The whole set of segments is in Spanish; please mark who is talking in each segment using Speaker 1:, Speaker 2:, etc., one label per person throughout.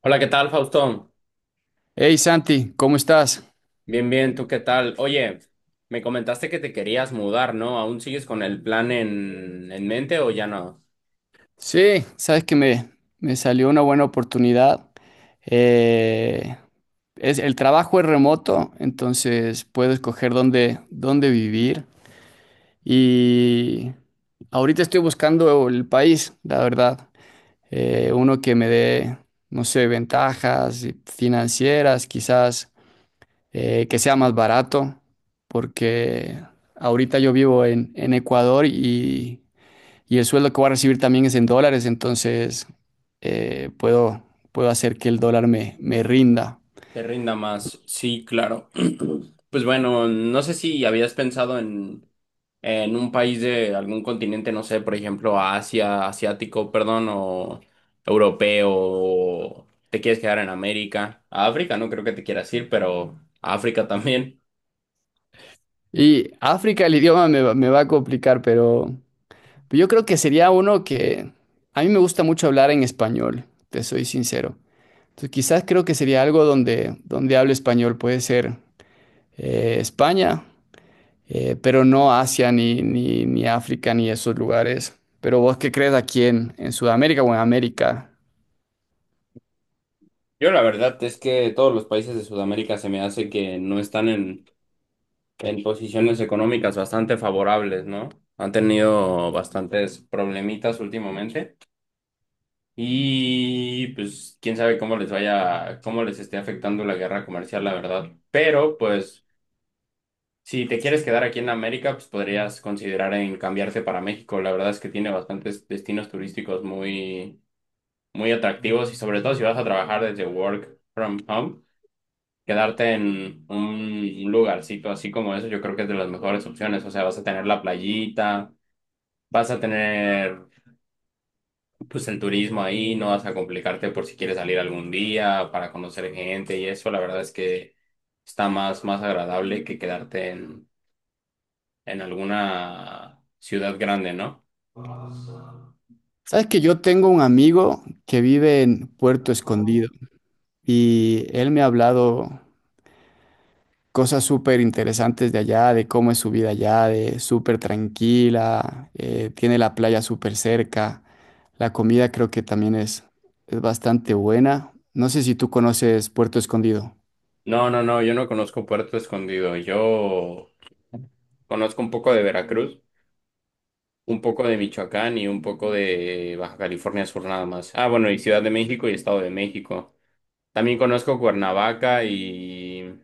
Speaker 1: Hola, ¿qué tal, Faustón?
Speaker 2: Hey Santi, ¿cómo estás?
Speaker 1: Bien, bien, ¿tú qué tal? Oye, me comentaste que te querías mudar, ¿no? ¿Aún sigues con el plan en mente o ya no?
Speaker 2: Sí, sabes que me salió una buena oportunidad. Eh, el trabajo es remoto, entonces puedo escoger dónde vivir. Y ahorita estoy buscando el país, la verdad. Uno que me dé, no sé, ventajas financieras, quizás que sea más barato, porque ahorita yo vivo en Ecuador y el sueldo que voy a recibir también es en dólares, entonces eh, puedo, puedo hacer que el dólar me rinda.
Speaker 1: Te rinda más. Sí, claro. Pues bueno, no sé si habías pensado en un país de algún continente, no sé, por ejemplo, Asia, asiático, perdón, o europeo, o te quieres quedar en América. A África no creo que te quieras ir, pero a África también.
Speaker 2: Y África, el idioma me va a complicar, pero yo creo que sería uno que a mí me gusta mucho hablar en español, te soy sincero. Entonces quizás creo que sería algo donde hable español, puede ser España, pero no Asia ni África ni esos lugares. Pero ¿vos qué crees aquí en Sudamérica o en América?
Speaker 1: Yo la verdad es que todos los países de Sudamérica se me hace que no están en posiciones económicas bastante favorables, ¿no? Han tenido bastantes problemitas últimamente y pues quién sabe cómo les vaya, cómo les esté afectando la guerra comercial, la verdad. Pero pues si te quieres quedar aquí en América, pues podrías considerar en cambiarte para México. La verdad es que tiene bastantes destinos turísticos muy, muy atractivos y sobre todo si vas a trabajar desde work from home. Quedarte en un lugarcito así como eso, yo creo que es de las mejores opciones. O sea, vas a tener la playita, vas a tener pues el turismo ahí, no vas a complicarte por si quieres salir algún día para conocer gente y eso, la verdad es que está más, más agradable que quedarte en alguna ciudad grande, ¿no?
Speaker 2: Sabes que yo tengo un amigo que vive en Puerto Escondido y él me ha hablado cosas súper interesantes de allá, de cómo es su vida allá, de súper tranquila, tiene la playa súper cerca, la comida creo que también es bastante buena. No sé si tú conoces Puerto Escondido,
Speaker 1: No, no, no, yo no conozco Puerto Escondido, yo conozco un poco de Veracruz. Un poco de Michoacán y un poco de Baja California Sur nada más. Ah, bueno, y Ciudad de México y Estado de México. También conozco Cuernavaca y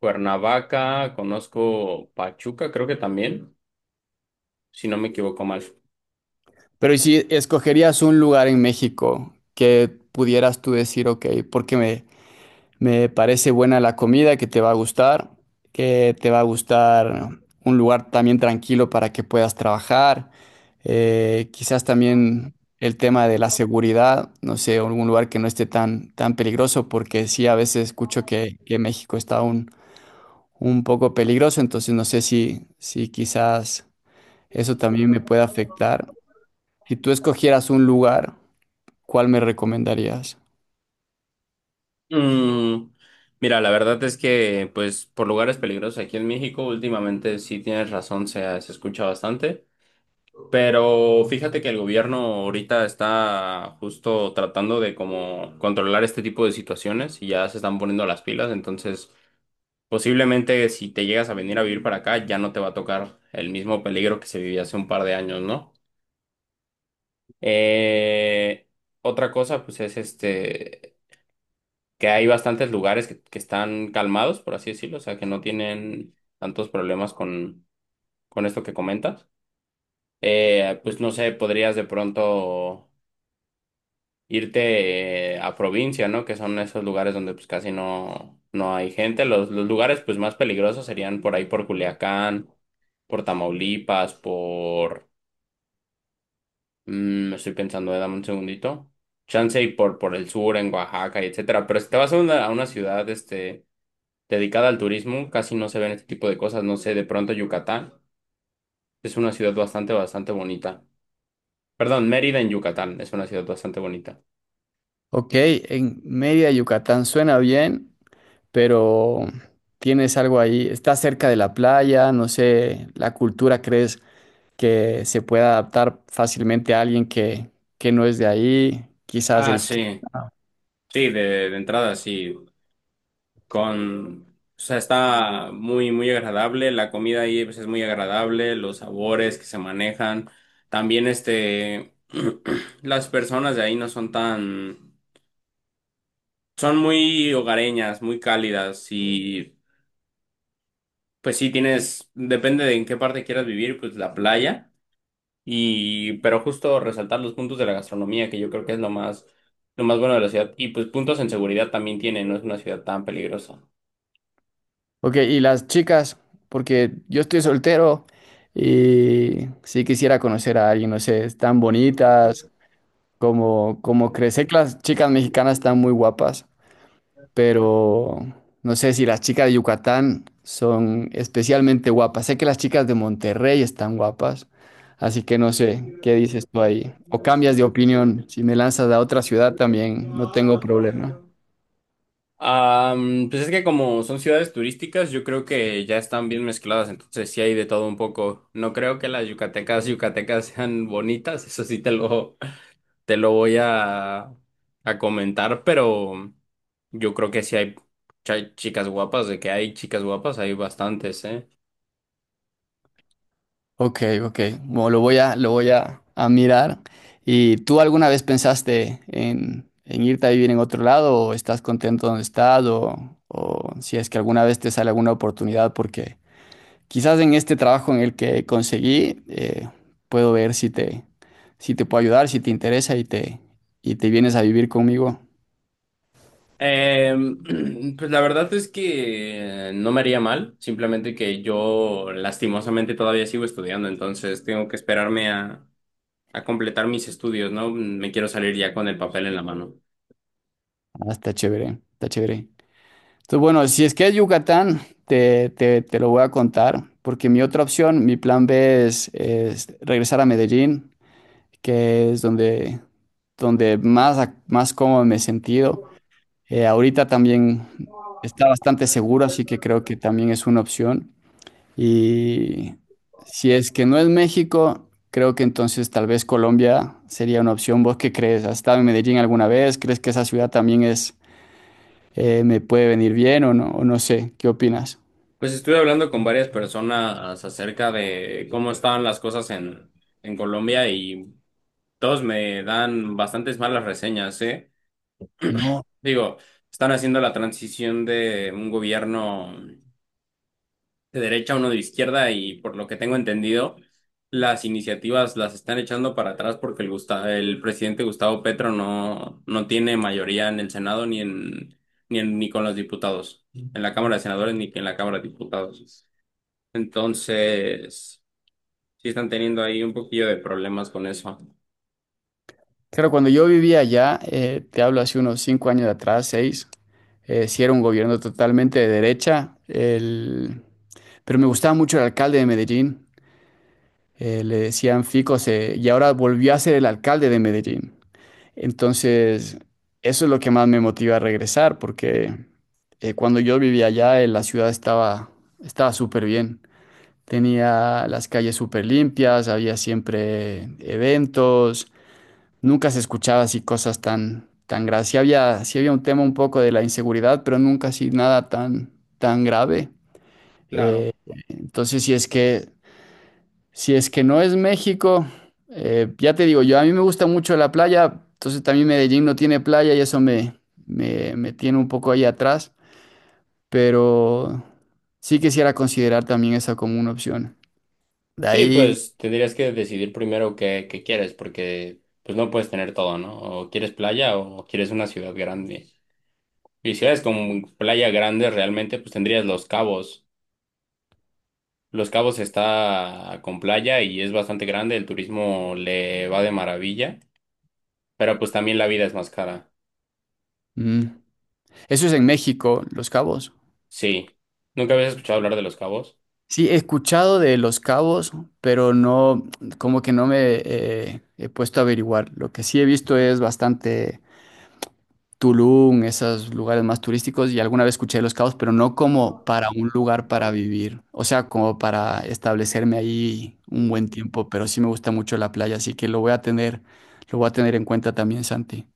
Speaker 1: Cuernavaca, conozco Pachuca, creo que también, si no me equivoco mal.
Speaker 2: pero ¿y si escogerías un lugar en México que pudieras tú decir, ok, porque me, me parece buena la comida, que te va a gustar, que te va a gustar un lugar también tranquilo para que puedas trabajar. Quizás también el tema de la seguridad, no sé, algún lugar que no esté tan peligroso, porque sí, a veces escucho que México está un poco peligroso, entonces no sé si quizás eso también me puede afectar. Si tú escogieras un lugar, ¿cuál me recomendarías?
Speaker 1: Mm, mira, la verdad es que, pues, por lugares peligrosos aquí en México, últimamente sí tienes razón, se escucha bastante. Pero fíjate que el gobierno ahorita está justo tratando de como controlar este tipo de situaciones y ya se están poniendo las pilas, entonces posiblemente si te llegas a venir a vivir para acá ya no te va a tocar el mismo peligro que se vivía hace un par de años, ¿no? Eh, otra cosa pues es este que hay bastantes lugares que están calmados, por así decirlo, o sea que no tienen tantos problemas con esto que comentas. Pues no sé, podrías de pronto irte a provincia, ¿no? Que son esos lugares donde pues casi no hay gente. Los lugares pues más peligrosos serían por ahí por Culiacán, por Tamaulipas, por... estoy pensando, dame un segundito. Chance y por el sur, en Oaxaca, y etcétera. Pero si te vas a una ciudad este, dedicada al turismo, casi no se ven este tipo de cosas. No sé, de pronto Yucatán es una ciudad bastante, bastante bonita. Perdón, Mérida en Yucatán es una ciudad bastante bonita.
Speaker 2: Ok, en Mérida, Yucatán, suena bien. Pero tienes algo ahí, está cerca de la playa, no sé, la cultura crees que se pueda adaptar fácilmente a alguien que no es de ahí, quizás
Speaker 1: Ah,
Speaker 2: el... cli-
Speaker 1: sí, sí, de entrada sí. Con, o sea, está muy, muy agradable. La comida ahí pues, es muy agradable, los sabores que se manejan. También, este, las personas de ahí no son tan, son muy hogareñas, muy cálidas y pues sí tienes, depende de en qué parte quieras vivir, pues la playa. Y, pero justo resaltar los puntos de la gastronomía, que yo creo que es lo más bueno de la ciudad. Y pues puntos en seguridad también tiene, no es una ciudad tan peligrosa.
Speaker 2: Ok, y las chicas, porque yo estoy soltero y sí quisiera conocer a alguien, no sé, están bonitas, como, como crees, sé que las chicas mexicanas están muy guapas. Pero no sé si las chicas de Yucatán son especialmente guapas. Sé que las chicas de Monterrey están guapas, así que no sé qué dices tú ahí. O cambias de opinión, si me lanzas a otra ciudad también, no tengo problema.
Speaker 1: Pues es que como son ciudades turísticas, yo creo que ya están bien mezcladas, entonces sí hay de todo un poco. No creo que las yucatecas yucatecas sean bonitas, eso sí te lo voy a comentar, pero yo creo que sí hay chicas guapas, de que hay chicas guapas, hay bastantes, ¿eh?
Speaker 2: Ok, ok, bueno, lo voy a mirar. ¿Y tú alguna vez pensaste en irte a vivir en otro lado o estás contento donde estás o si es que alguna vez te sale alguna oportunidad porque quizás en este trabajo en el que conseguí, puedo ver si te puedo ayudar, si te interesa y te vienes a vivir conmigo.
Speaker 1: Pues la verdad es que no me haría mal, simplemente que yo lastimosamente todavía sigo estudiando, entonces tengo que esperarme a completar mis estudios, ¿no? Me quiero salir ya con el papel en la mano.
Speaker 2: Ah, está chévere, está chévere. Entonces, bueno, si es que es Yucatán, te lo voy a contar, porque mi otra opción, mi plan B es regresar a Medellín, que es donde más cómodo me he sentido. Ahorita también está bastante seguro, así que creo que también es una opción. Y si es que no es México, creo que entonces tal vez Colombia sería una opción. ¿Vos qué crees? ¿Has estado en Medellín alguna vez? ¿Crees que esa ciudad también me puede venir bien o no? O no sé, ¿qué opinas?
Speaker 1: Pues estuve hablando con varias personas acerca de cómo estaban las cosas en Colombia y todos me dan bastantes malas reseñas, ¿eh?
Speaker 2: No.
Speaker 1: Digo, están haciendo la transición de un gobierno de derecha, uno de izquierda y por lo que tengo entendido, las iniciativas las están echando para atrás porque el presidente Gustavo Petro no tiene mayoría en el Senado ni con los diputados, en la Cámara de Senadores ni en la Cámara de Diputados. Entonces, sí están teniendo ahí un poquillo de problemas con eso.
Speaker 2: Claro, cuando yo vivía allá, te hablo hace unos 5 años atrás, 6, sí era un gobierno totalmente de derecha, pero me gustaba mucho el alcalde de Medellín, le decían Fico, y ahora volvió a ser el alcalde de Medellín. Entonces, eso es lo que más me motiva a regresar, porque cuando yo vivía allá, la ciudad estaba súper bien. Tenía las calles súper limpias, había siempre eventos, nunca se escuchaba así cosas tan graves. Sí había un tema un poco de la inseguridad, pero nunca así nada tan grave. Eh,
Speaker 1: Claro.
Speaker 2: entonces, si es que no es México, ya te digo, yo a mí me gusta mucho la playa, entonces también Medellín no tiene playa y eso me tiene un poco ahí atrás, pero sí quisiera considerar también esa como una opción. De
Speaker 1: Sí,
Speaker 2: ahí,
Speaker 1: pues tendrías que decidir primero qué, qué quieres, porque pues no puedes tener todo, ¿no? O quieres playa o quieres una ciudad grande. Y si eres con playa grande, realmente pues tendrías Los Cabos. Los Cabos está con playa y es bastante grande, el turismo le va de maravilla, pero pues también la vida es más cara.
Speaker 2: mm, eso es en México, Los Cabos.
Speaker 1: Sí. ¿Nunca habías escuchado hablar de Los Cabos?
Speaker 2: Sí, he escuchado de Los Cabos, pero no, como que no me he puesto a averiguar. Lo que sí he visto es bastante Tulum, esos lugares más turísticos, y alguna vez escuché de Los Cabos, pero no como para un lugar para vivir, o sea, como para establecerme ahí un buen tiempo, pero sí me gusta mucho la playa, así que lo voy a tener en cuenta también, Santi.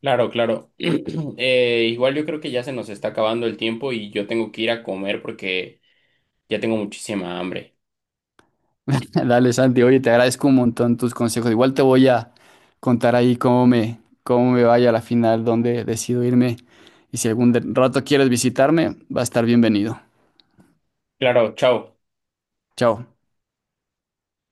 Speaker 1: Claro, claro. Igual yo creo que ya se nos está acabando el tiempo y yo tengo que ir a comer porque ya tengo muchísima hambre.
Speaker 2: Dale, Santi, oye, te agradezco un montón tus consejos. Igual te voy a contar ahí cómo me vaya a la final, dónde decido irme, y si algún rato quieres visitarme, va a estar bienvenido.
Speaker 1: Claro, chao.
Speaker 2: Chao.